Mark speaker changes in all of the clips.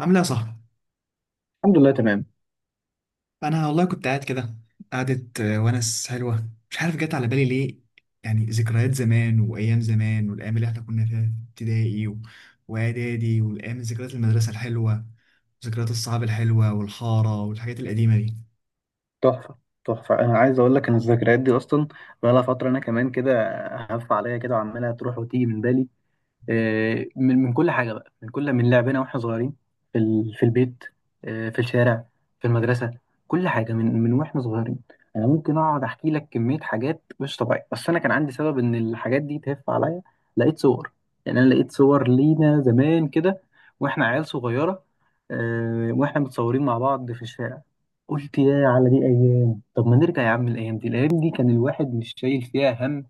Speaker 1: عامله ايه يا صاحبي؟
Speaker 2: الحمد لله تمام.
Speaker 1: انا والله كنت قاعد كده قعدة، ونس حلوه، مش عارف جت على بالي ليه. يعني ذكريات زمان وايام زمان، والايام اللي احنا كنا فيها في ابتدائي واعدادي، والايام، ذكريات المدرسه الحلوه، ذكريات الصحاب الحلوه والحاره والحاجات القديمه دي.
Speaker 2: تحفة. تحفة، أنا عايز أقول لك إن الذكريات دي أصلا بقالها فترة أنا كمان كده هف عليا كده وعمالة تروح وتيجي من بالي. من كل حاجه بقى، من كل من لعبنا واحنا صغيرين في البيت، في الشارع، في المدرسه، كل حاجه من واحنا صغيرين. انا ممكن اقعد احكي لك كميه حاجات مش طبيعيه، بس انا كان عندي سبب ان الحاجات دي تهف عليا. لقيت صور، يعني انا لقيت صور لينا زمان كده واحنا عيال صغيره، واحنا متصورين مع بعض في الشارع. قلت يا على دي ايام، طب ما نرجع يا عم، الايام دي الايام دي كان الواحد مش شايل فيها هم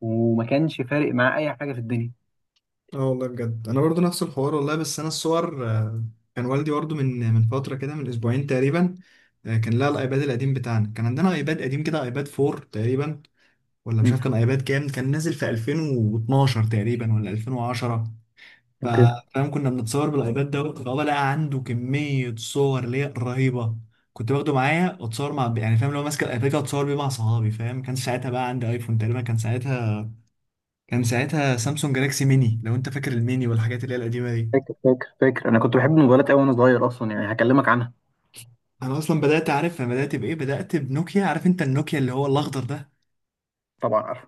Speaker 2: وما كانش فارق معاه اي حاجه في الدنيا.
Speaker 1: اه والله بجد، انا برضو نفس الحوار والله، بس انا الصور كان والدي برضو من فتره كده، من اسبوعين تقريبا. كان لها الايباد القديم بتاعنا، كان عندنا ايباد قديم كده، ايباد 4 تقريبا، ولا مش عارف
Speaker 2: مم.
Speaker 1: كان ايباد كام، كان نازل في 2012 تقريبا، ولا 2010. ف-
Speaker 2: اوكي.
Speaker 1: فاهم كنا بنتصور بالايباد دوت، فهو لقى عنده كميه صور ليا رهيبه. كنت باخده معايا واتصور مع، يعني فاهم، لو ماسك الايباد كده اتصور بيه مع صحابي، فاهم. كان ساعتها بقى عندي ايفون تقريبا، كان ساعتها سامسونج جالاكسي ميني، لو انت فاكر الميني والحاجات اللي هي القديمه دي.
Speaker 2: فاكر فاكر فاكر، انا كنت بحب الموبايلات قوي وانا صغير اصلا، يعني هكلمك عنها.
Speaker 1: انا اصلا بدات، عارف انا بدات بايه؟ بدات بنوكيا. عارف انت النوكيا اللي هو الاخضر ده،
Speaker 2: طبعا عارف.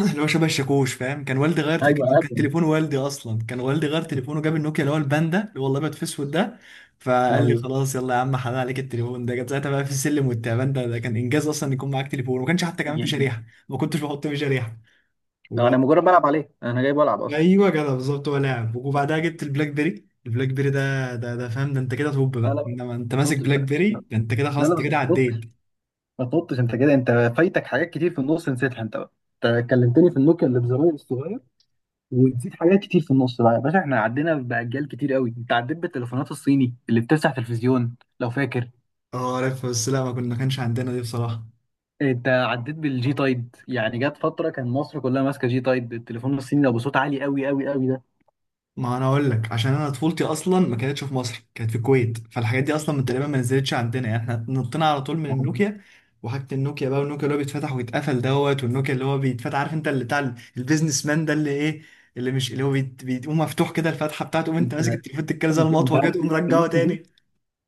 Speaker 1: اللي هو شبه الشاكوش، فاهم. كان والدي غير
Speaker 2: ايوه
Speaker 1: كان
Speaker 2: ابدا.
Speaker 1: تليفون والدي، اصلا كان والدي غير تليفونه، جاب النوكيا اللي هو الباندا اللي هو الابيض في اسود ده. فقال لي
Speaker 2: ايوه.
Speaker 1: خلاص يلا يا عم، حلال عليك التليفون ده. كان ساعتها بقى في السلم والتعبان، ده كان انجاز اصلا يكون معاك تليفون، وما كانش حتى
Speaker 2: ي-
Speaker 1: كمان في
Speaker 2: ي-
Speaker 1: شريحه، ما كنتش بحط فيه شريحه.
Speaker 2: انا
Speaker 1: وبعد،
Speaker 2: مجرد بلعب عليه، انا جاي بلعب اصلا.
Speaker 1: ايوه كده بالظبط، هو لعب. وبعدها جبت البلاك بيري، البلاك بيري ده، فاهم ده انت كده توب
Speaker 2: لا
Speaker 1: بقى،
Speaker 2: لا، ما
Speaker 1: انما انت ماسك
Speaker 2: تنطش
Speaker 1: بلاك
Speaker 2: بقى،
Speaker 1: بيري
Speaker 2: لا.
Speaker 1: ده، انت كده خلاص،
Speaker 2: لا
Speaker 1: انت
Speaker 2: بس
Speaker 1: كده
Speaker 2: ما
Speaker 1: عديت.
Speaker 2: تنطش، ما تنطش، انت كده، انت فايتك حاجات كتير في النص نسيتها انت بقى. انت كلمتني في النوكيا اللي بزراير الصغير ونسيت حاجات كتير في النص بقى يا باشا. احنا عدينا باجيال كتير قوي، انت عديت بالتليفونات الصيني اللي بتفتح تلفزيون لو فاكر.
Speaker 1: اه عارف، بس لا ما كانش عندنا دي بصراحه.
Speaker 2: انت عديت بالجي تايد، يعني جت فتره كان مصر كلها ماسكه جي تايد التليفون الصيني ده بصوت عالي قوي قوي قوي.
Speaker 1: ما انا اقول لك، عشان انا طفولتي اصلا ما كانتش في مصر، كانت في الكويت، فالحاجات دي اصلا من تقريبا ما نزلتش عندنا. يعني احنا نطينا على طول من
Speaker 2: يعني
Speaker 1: النوكيا وحاجه، النوكيا بقى، والنوكيا اللي هو بيتفتح ويتقفل دوت، والنوكيا اللي هو بيتفتح، عارف انت اللي بتاع البيزنس مان ده، اللي ايه، اللي مش، اللي هو بيقوم مفتوح كده الفتحه بتاعته، وانت
Speaker 2: انت
Speaker 1: ماسك التليفون تتكلم زي
Speaker 2: انت
Speaker 1: المطوه كده،
Speaker 2: عارف ان
Speaker 1: تقوم
Speaker 2: انا كان
Speaker 1: رجعه
Speaker 2: نفسي فيه،
Speaker 1: تاني.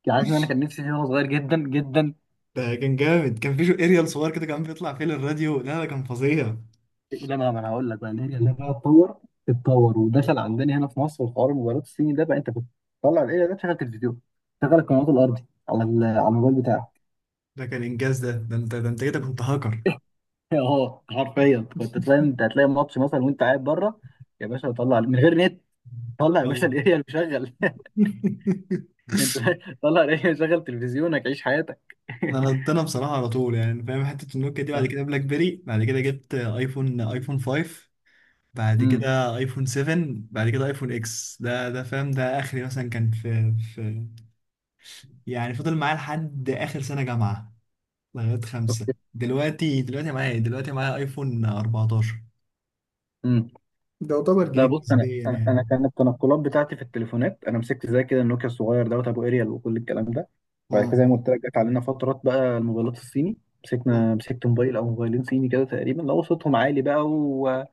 Speaker 2: يعني عارف ان انا كان نفسي فيه وانا صغير جدا جدا.
Speaker 1: ده كان جامد، كان في شو اريال صغير كده كان بيطلع فيه للراديو، لا ده كان فظيع.
Speaker 2: لما، ما انا هقول لك بقى ان هي لما اتطور، اتطور ودخل عندنا هنا في مصر وحوار الموبايلات الصيني ده بقى، انت بتطلع الايه ده تشغل تلفزيون، تشغل القنوات الارضي على الموبايل بتاعك.
Speaker 1: ده كان انجاز، ده ده انت انت كده كنت هاكر.
Speaker 2: اه حرفيا كنت تلاقي، انت هتلاقي ماتش مثلا وانت قاعد بره، يا باشا طلع من غير نت، طلع يا باشا
Speaker 1: آه.
Speaker 2: الاريال وشغل. انت طلع الاريال، شغل تلفزيونك، عيش حياتك.
Speaker 1: انا بصراحه على طول، يعني فاهم، حته النوكيا دي، بعد
Speaker 2: اه.
Speaker 1: كده بلاك بيري، بعد كده جبت ايفون، ايفون 5. بعد
Speaker 2: امم.
Speaker 1: كده ايفون 7. بعد كده ايفون اكس، ده ده فاهم ده اخري مثلا. كان في يعني فضل معايا لحد اخر سنه جامعه، لغايه خمسه.
Speaker 2: اوكي.
Speaker 1: دلوقتي، معايا إيه؟ دلوقتي معايا ايفون 14،
Speaker 2: لا
Speaker 1: جديد
Speaker 2: بص،
Speaker 1: نسبيا
Speaker 2: انا
Speaker 1: يعني.
Speaker 2: أنا كان التنقلات بتاعتي في التليفونات، انا مسكت زي كده النوكيا الصغير دوت ابو اريال وكل الكلام ده. بعد كده
Speaker 1: مم.
Speaker 2: زي ما قلت لك جت علينا فترات بقى الموبايلات الصيني،
Speaker 1: مم.
Speaker 2: مسكت موبايل او موبايلين صيني كده تقريبا، لو صوتهم عالي بقى،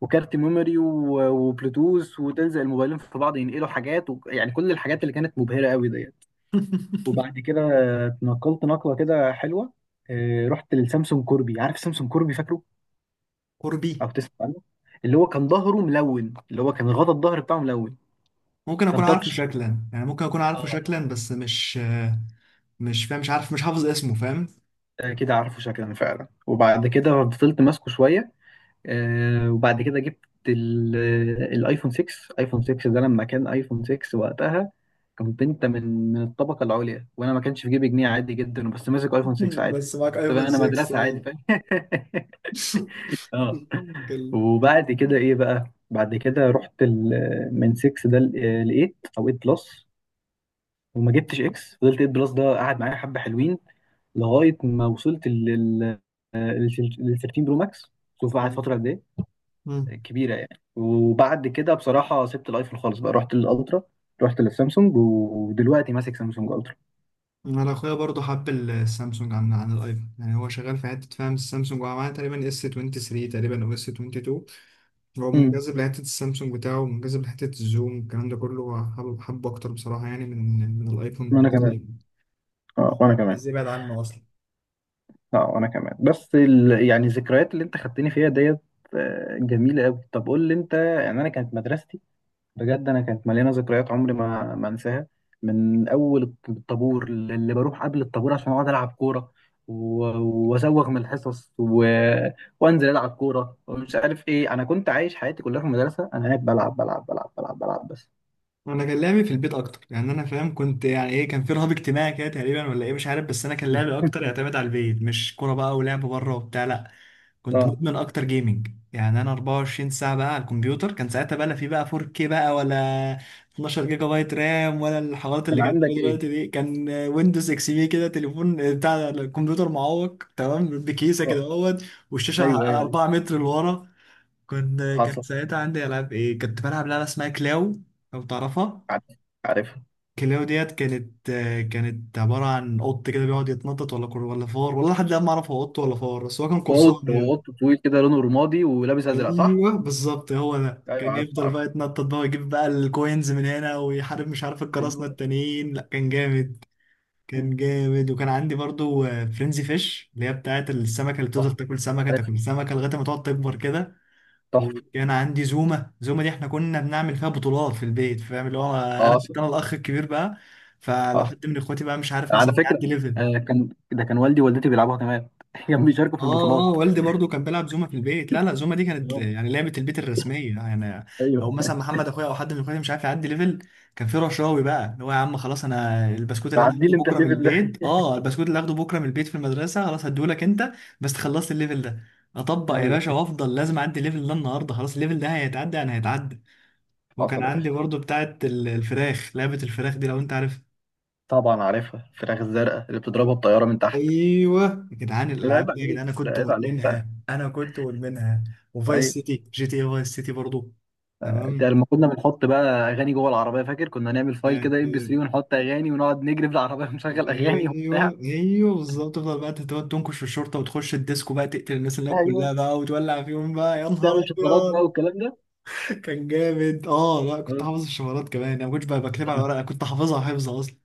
Speaker 2: وكارت ميموري، وبلوتوث، وتلزق الموبايلين في بعض ينقلوا حاجات، يعني كل الحاجات اللي كانت مبهرة قوي ديت. وبعد كده اتنقلت نقلة كده حلوة، رحت للسامسونج كوربي، عارف سامسونج كوربي؟ فاكره
Speaker 1: قربي.
Speaker 2: او تسمع عنه؟ اللي هو كان ظهره ملون، اللي هو كان غطا الظهر بتاعه ملون،
Speaker 1: ممكن اكون
Speaker 2: كان
Speaker 1: عارفه
Speaker 2: تاتش.
Speaker 1: شكلا، يعني ممكن اكون عارفه
Speaker 2: اه.
Speaker 1: شكلا بس مش، مش فاهم، مش عارف، مش حافظ اسمه، فاهم.
Speaker 2: كده عارفه شكلا فعلا. وبعد كده فضلت ماسكه شويه، وبعد كده جبت ال- الايفون 6. ايفون 6 ده لما كان ايفون 6 وقتها كنت انت من الطبقه العليا، وانا ما كانش في جيبي جنيه عادي جدا بس ماسك ايفون 6 عادي،
Speaker 1: بس معاك
Speaker 2: تبقى
Speaker 1: ايفون
Speaker 2: انا
Speaker 1: 6
Speaker 2: مدرسه عادي
Speaker 1: اه.
Speaker 2: فاهم. اه.
Speaker 1: كل-
Speaker 2: وبعد كده ايه بقى؟ بعد كده رحت من 6 ده ل 8 او 8 بلس، وما جبتش اكس، فضلت 8 بلس ده قعد معايا حبه حلوين، لغايه ما وصلت لل 13 برو ماكس. شوف قعد
Speaker 1: مم.
Speaker 2: فتره قد ايه، كبيره يعني. وبعد كده بصراحه سبت الايفون خالص بقى، رحت للالترا، رحت للسامسونج، ودلوقتي ماسك سامسونج الترا.
Speaker 1: انا اخويا برضه حب السامسونج عن الايفون، يعني هو شغال في حته، فاهم، السامسونج هو معاه تقريبا اس 23 تقريبا، او اس 22. هو
Speaker 2: امم.
Speaker 1: منجذب لحته السامسونج بتاعه، منجذب لحته الزوم، الكلام ده كله، هو حابب حبه اكتر بصراحه يعني من الايفون،
Speaker 2: وانا
Speaker 1: وقت
Speaker 2: كمان.
Speaker 1: الايفون.
Speaker 2: اه وانا كمان.
Speaker 1: ازاي بعد عنه اصلا؟
Speaker 2: اه وانا كمان. يعني الذكريات اللي انت خدتني فيها ديت، جميله قوي. طب قول لي انت، يعني انا كانت مدرستي بجد، انا كانت مليانه ذكريات عمري ما انساها. من اول الطابور اللي بروح قبل الطابور عشان اقعد العب كوره، و- وازوغ من الحصص وانزل العب كوره ومش عارف ايه. انا كنت عايش حياتي كلها في المدرسه، انا قاعد بلعب بلعب بلعب بلعب بلعب بس.
Speaker 1: انا كان لعبي في البيت اكتر، يعني انا فاهم كنت، يعني ايه، كان في رهاب اجتماعي كده تقريبا، ولا ايه مش عارف، بس انا كان لعبي اكتر يعتمد على البيت، مش كوره بقى ولعب بره وبتاع، لا. كنت
Speaker 2: اه.
Speaker 1: مدمن اكتر جيمنج، يعني انا 24 ساعه بقى على الكمبيوتر. كان ساعتها بقى، لا في بقى 4K بقى، ولا 12 جيجا بايت رام، ولا الحوارات
Speaker 2: كان
Speaker 1: اللي كانت
Speaker 2: عندك
Speaker 1: موجوده
Speaker 2: ايه؟
Speaker 1: دلوقتي دي. كان ويندوز اكس بي كده، تليفون بتاع الكمبيوتر معوق تمام، بكيسه كده
Speaker 2: اه.
Speaker 1: اهوت، والشاشه
Speaker 2: ايوه ايوه ايوه.
Speaker 1: 4 متر لورا. كنت، كانت
Speaker 2: حصل.
Speaker 1: ساعتها عندي العاب ايه، كنت بلعب لعبه اسمها كلاو، لو تعرفها.
Speaker 2: عارف عارف.
Speaker 1: كلاو ديت كانت، كانت عبارة عن قط كده بيقعد يتنطط، ولا كر ولا فار والله، لحد الآن ما أعرف هو قط ولا فار، بس هو كان قرصان
Speaker 2: وقط،
Speaker 1: يعني.
Speaker 2: وقط طويل كده لونه رمادي ولابس ازرق، صح؟
Speaker 1: أيوه بالظبط، هو ده
Speaker 2: ايوه.
Speaker 1: كان
Speaker 2: عارف
Speaker 1: يفضل
Speaker 2: عارف.
Speaker 1: بقى يتنطط بقى ويجيب بقى الكوينز من هنا، ويحارب مش عارف القراصنة
Speaker 2: ايوه.
Speaker 1: التانيين، لا كان جامد. كان
Speaker 2: مم.
Speaker 1: جامد. وكان عندي برضو فرينزي فيش، اللي هي بتاعت السمكة، اللي بتفضل
Speaker 2: صح.
Speaker 1: تاكل سمكة تاكل
Speaker 2: عارف.
Speaker 1: سمكة لغاية ما تقعد تكبر كده.
Speaker 2: تحفه.
Speaker 1: وكان عندي زومه، زومه دي احنا كنا بنعمل فيها بطولات في البيت، فاهم، اللي هو انا
Speaker 2: حاصل.
Speaker 1: كنت، انا الاخ الكبير بقى. فلو
Speaker 2: حاصل،
Speaker 1: حد من اخواتي بقى مش عارف
Speaker 2: على
Speaker 1: مثلا
Speaker 2: فكرة
Speaker 1: يعدي ليفل.
Speaker 2: آه، كان ده كان والدي ووالدتي بيلعبوها كمان. كانوا بيشاركوا في
Speaker 1: اه اه،
Speaker 2: البطولات.
Speaker 1: والدي برضو كان بيلعب زومه في البيت. لا لا، زومه دي كانت يعني لعبه البيت الرسميه يعني. لو
Speaker 2: ايوه،
Speaker 1: مثلا محمد اخويا او حد من اخواتي مش عارف يعدي ليفل، كان في رشاوي بقى، اللي هو يا عم خلاص، انا البسكوت اللي انا
Speaker 2: تعدي
Speaker 1: هاخده
Speaker 2: لي انت
Speaker 1: بكره من
Speaker 2: الليفل ده.
Speaker 1: البيت، اه البسكوت اللي هاخده بكره من البيت في المدرسه، خلاص هديهولك انت بس خلصت الليفل ده. اطبق
Speaker 2: ايوه.
Speaker 1: يا باشا،
Speaker 2: أيوة.
Speaker 1: وافضل لازم اعدي الليفل ده النهارده، خلاص الليفل ده هيتعدى، انا هيتعدى. وكان
Speaker 2: حصل يا
Speaker 1: عندي
Speaker 2: باشا،
Speaker 1: برضه بتاعة الفراخ، لعبة الفراخ دي لو انت عارف.
Speaker 2: طبعا عارفها، الفراخ الزرقاء اللي بتضربها بطيارة من تحت.
Speaker 1: ايوه. يا جدعان
Speaker 2: لا عيب
Speaker 1: الالعاب دي، يا
Speaker 2: عليك،
Speaker 1: جدعان انا
Speaker 2: لا
Speaker 1: كنت
Speaker 2: عيب عليك بقى.
Speaker 1: مدمنها، انا كنت مدمنها. وفايس
Speaker 2: ايوه.
Speaker 1: سيتي، جي تي اي فايس سيتي برضه.
Speaker 2: ده
Speaker 1: تمام.
Speaker 2: لما كنا بنحط بقى اغاني جوه العربية، فاكر كنا نعمل فايل
Speaker 1: آه،
Speaker 2: كده ام بي
Speaker 1: آه،
Speaker 2: 3 ونحط اغاني ونقعد نجري في العربية ونشغل اغاني وبتاع.
Speaker 1: ايوه بالظبط، تفضل بقى تقعد تنكش في الشرطه، وتخش الديسكو بقى، تقتل الناس اللي هناك كلها
Speaker 2: ايوه،
Speaker 1: بقى، وتولع فيهم بقى، يا نهار
Speaker 2: تعمل شفرات
Speaker 1: ابيض.
Speaker 2: بقى والكلام ده.
Speaker 1: كان جامد. اه لا كنت
Speaker 2: أيوة.
Speaker 1: حافظ الشفرات كمان، انا ما كنتش بقى بكتبها على ورقه، كنت حافظها حفظ اصلا.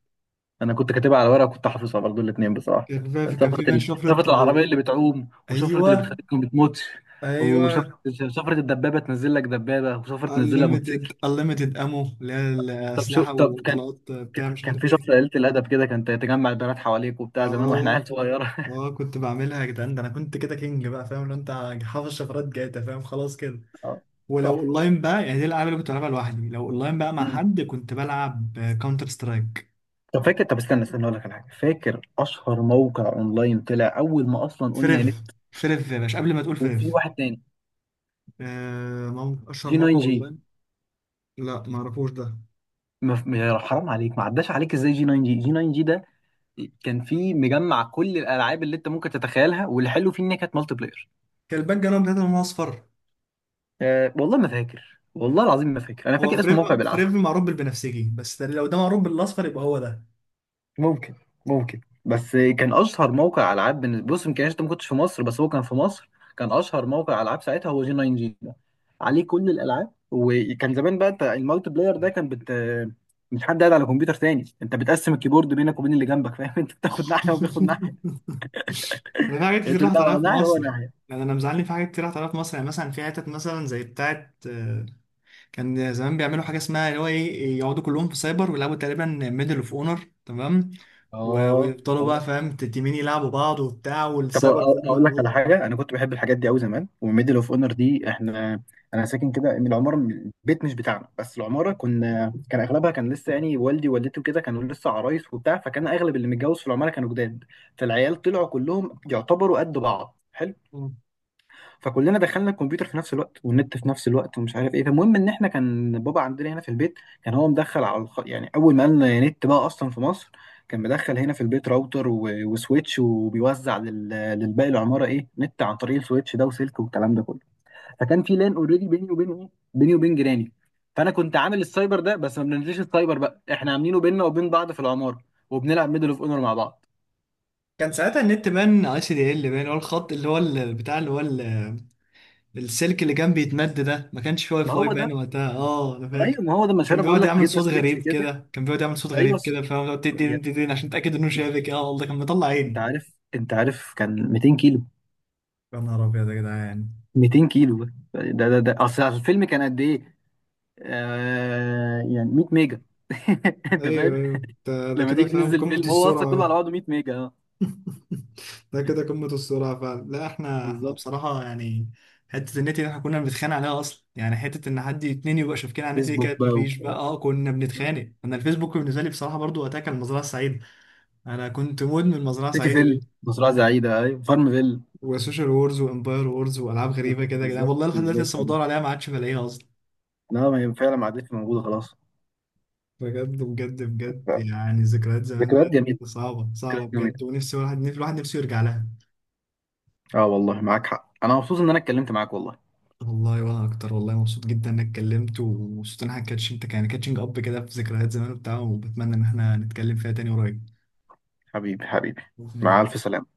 Speaker 2: انا كنت كاتبها على ورقه، كنت حافظها برضو الاثنين بصراحه.
Speaker 1: كان في كان
Speaker 2: سفره
Speaker 1: في بان شفرة.
Speaker 2: سفره العربيه اللي بتعوم، وسفره اللي
Speaker 1: ايوه
Speaker 2: بتخليك ما بتموتش، وسفره
Speaker 1: ايوه.
Speaker 2: سفره الدبابه تنزل لك دبابه، وسفره تنزل لك
Speaker 1: unlimited
Speaker 2: موتوسيكل.
Speaker 1: امو، اللي هي
Speaker 2: طب شو،
Speaker 1: الاسلحه
Speaker 2: طب كان،
Speaker 1: وطلقات بتاع مش
Speaker 2: كان
Speaker 1: عارف
Speaker 2: في
Speaker 1: ايه.
Speaker 2: سفره قليله الادب كده كانت تجمع البنات حواليك وبتاع، زمان واحنا عيال
Speaker 1: اه
Speaker 2: صغيره.
Speaker 1: اه، كنت بعملها يا جدعان، ده انا كنت كده كينج بقى، فاهم، لو انت حافظ شفرات جاتا فاهم خلاص كده.
Speaker 2: آه،
Speaker 1: ولو
Speaker 2: تحفه.
Speaker 1: اونلاين بقى، يعني دي الالعاب اللي كنت بلعبها لوحدي، لو اونلاين بقى مع
Speaker 2: مم.
Speaker 1: حد كنت بلعب كاونتر سترايك.
Speaker 2: طب فاكر، طب استنى استنى، اقول لك على حاجه. فاكر اشهر موقع اونلاين طلع اول ما اصلا قلنا
Speaker 1: فريف.
Speaker 2: نت؟
Speaker 1: فريف يا باشا قبل ما تقول فريف.
Speaker 2: وفي واحد تاني،
Speaker 1: آه، اشهر
Speaker 2: جي 9
Speaker 1: موقع
Speaker 2: جي.
Speaker 1: اونلاين. لا ما اعرفوش ده.
Speaker 2: حرام عليك، ما عداش عليك ازاي جي 9 جي؟ جي 9 جي ده كان في مجمع كل الالعاب اللي انت ممكن تتخيلها، واللي حلو فيه ان هي كانت مالتي بلاير.
Speaker 1: كان الباك جراوند بتاعته لونه اصفر.
Speaker 2: أه والله ما فاكر، والله العظيم ما فاكر، انا
Speaker 1: هو
Speaker 2: فاكر اسم
Speaker 1: فريف.
Speaker 2: موقع
Speaker 1: فريف
Speaker 2: بالعافيه.
Speaker 1: معروف بالبنفسجي، بس لو ده معروف بالاصفر يبقى هو ده.
Speaker 2: ممكن، ممكن، بس كان اشهر موقع العاب بالنسبه، بص يمكن انت ما كنتش في مصر، بس هو كان في مصر. كان اشهر موقع العاب ساعتها هو جي 9 جي ده، عليه كل الالعاب. وكان زمان بقى انت، المالتي بلاير ده كان بت، مش حد قاعد على كمبيوتر تاني، انت بتقسم الكيبورد بينك وبين اللي جنبك فاهم. انت بتاخد ناحيه وبياخد ناحيه،
Speaker 1: انا في حاجات
Speaker 2: انت
Speaker 1: كتير راحت
Speaker 2: تلعب
Speaker 1: عليا
Speaker 2: على
Speaker 1: في
Speaker 2: ناحيه وهو
Speaker 1: مصر،
Speaker 2: ناحيه.
Speaker 1: يعني انا مزعلني في حاجات كتير راحت عليا في مصر، يعني مثلا في حتت، مثلا زي بتاعت، كان زمان بيعملوا حاجه اسمها اللي هو ايه، يقعدوا كلهم في سايبر ويلعبوا تقريبا ميدل اوف اونر، تمام.
Speaker 2: اه.
Speaker 1: ويفضلوا بقى
Speaker 2: اه.
Speaker 1: فاهم تيمين يلعبوا بعض وبتاع،
Speaker 2: طب
Speaker 1: والسايبر كله
Speaker 2: اقول لك
Speaker 1: مقلوب.
Speaker 2: على حاجه، انا كنت بحب الحاجات دي قوي زمان، وميدل اوف اونر دي احنا، انا ساكن كده من العماره، من البيت مش بتاعنا بس العماره، كنا كان اغلبها كان لسه يعني والدي ووالدتي وكده كانوا لسه عرايس وبتاع، فكان اغلب اللي متجوز في العماره كانوا جداد، فالعيال طلعوا كلهم يعتبروا قد بعض حلو، فكلنا دخلنا الكمبيوتر في نفس الوقت والنت في نفس الوقت ومش عارف ايه. فالمهم ان احنا كان بابا عندنا هنا في البيت، كان هو مدخل يعني اول ما قالنا نت بقى اصلا في مصر، كان مدخل هنا في البيت راوتر وسويتش، وبيوزع للباقي العماره ايه نت عن طريق السويتش ده وسلك والكلام ده كله. فكان في لان اوريدي بيني وبين ايه، بيني وبين جيراني. فانا كنت عامل السايبر ده بس ما بننزلش السايبر بقى، احنا عاملينه بيننا وبين بعض في العماره، وبنلعب ميدل اوف اونر مع بعض.
Speaker 1: كان ساعتها النت بان اي سي دي ال بان، اللي هو الخط، اللي هو بتاع، اللي هو السلك اللي كان بيتمد ده، ما كانش فيه واي
Speaker 2: ما
Speaker 1: فاي
Speaker 2: هو
Speaker 1: باين
Speaker 2: ده.
Speaker 1: وقتها، اه انا
Speaker 2: ايوه
Speaker 1: فاكر.
Speaker 2: ما هو ده، مش
Speaker 1: كان
Speaker 2: انا بقول
Speaker 1: بيقعد
Speaker 2: لك
Speaker 1: يعمل
Speaker 2: جبنا
Speaker 1: صوت
Speaker 2: سويتش
Speaker 1: غريب
Speaker 2: كده.
Speaker 1: كده، كان بيقعد يعمل صوت
Speaker 2: ايوه.
Speaker 1: غريب كده فاهم، تدين تدين عشان تتاكد انه شافك، اه والله كان مطلع
Speaker 2: انت
Speaker 1: عيني.
Speaker 2: عارف، انت عارف كان 200 كيلو.
Speaker 1: يا نهار ابيض يا جدعان.
Speaker 2: 200 كيلو. ده اصل الفيلم كان قد ايه؟ آه يعني 100 ميجا. انت
Speaker 1: ايوه
Speaker 2: فاهم.
Speaker 1: ايوه، ده
Speaker 2: لما
Speaker 1: كده
Speaker 2: تيجي
Speaker 1: فاهم
Speaker 2: تنزل
Speaker 1: قمه
Speaker 2: فيلم هو اصلا
Speaker 1: السرعه
Speaker 2: كله على
Speaker 1: بقى.
Speaker 2: بعضه 100 ميجا، اه.
Speaker 1: ده كده قمه السرعه فعلا. لا احنا
Speaker 2: بالظبط.
Speaker 1: بصراحه يعني حته النت دي احنا كنا بنتخانق عليها اصلا، يعني حته ان حد اتنين يبقى شافكين على النت دي،
Speaker 2: فيسبوك
Speaker 1: كانت
Speaker 2: بقى
Speaker 1: مفيش بقى،
Speaker 2: وبتاع،
Speaker 1: اه كنا بنتخانق. انا الفيسبوك بالنسبه لي بصراحه برضو وقتها كان المزرعه السعيده، انا كنت مدمن مزرعه
Speaker 2: سيتي
Speaker 1: سعيده،
Speaker 2: فيل، مزرعه سعيده ايوه، فارم فيل.
Speaker 1: وسوشيال وورز وامباير وورز والعاب غريبه كده يا جدعان،
Speaker 2: بالظبط
Speaker 1: والله لحد دلوقتي
Speaker 2: بالظبط
Speaker 1: لسه
Speaker 2: يعني.
Speaker 1: بدور عليها، ما عادش بلاقيها اصلا.
Speaker 2: لا، ما هي فعلا ما عادتش موجوده خلاص.
Speaker 1: بجد بجد بجد،
Speaker 2: ف-
Speaker 1: يعني ذكريات زمان
Speaker 2: ذكريات
Speaker 1: بجد،
Speaker 2: جميله.
Speaker 1: صعبه صعبه
Speaker 2: ذكريات جميله.
Speaker 1: بجد، ونفسي واحد، نفسي الواحد نفسه يرجع لها.
Speaker 2: اه والله معاك حق، انا مبسوط ان انا اتكلمت معاك والله.
Speaker 1: والله وانا اكتر والله، مبسوط جدا انك اتكلمت، ومبسوط ان احنا كاتش انت، يعني كاتشنج اب كده في ذكريات زمان وبتاع، وبتمنى ان احنا نتكلم فيها تاني قريب.
Speaker 2: حبيبي حبيبي.
Speaker 1: باذن
Speaker 2: مع
Speaker 1: الله.
Speaker 2: الف سلامه.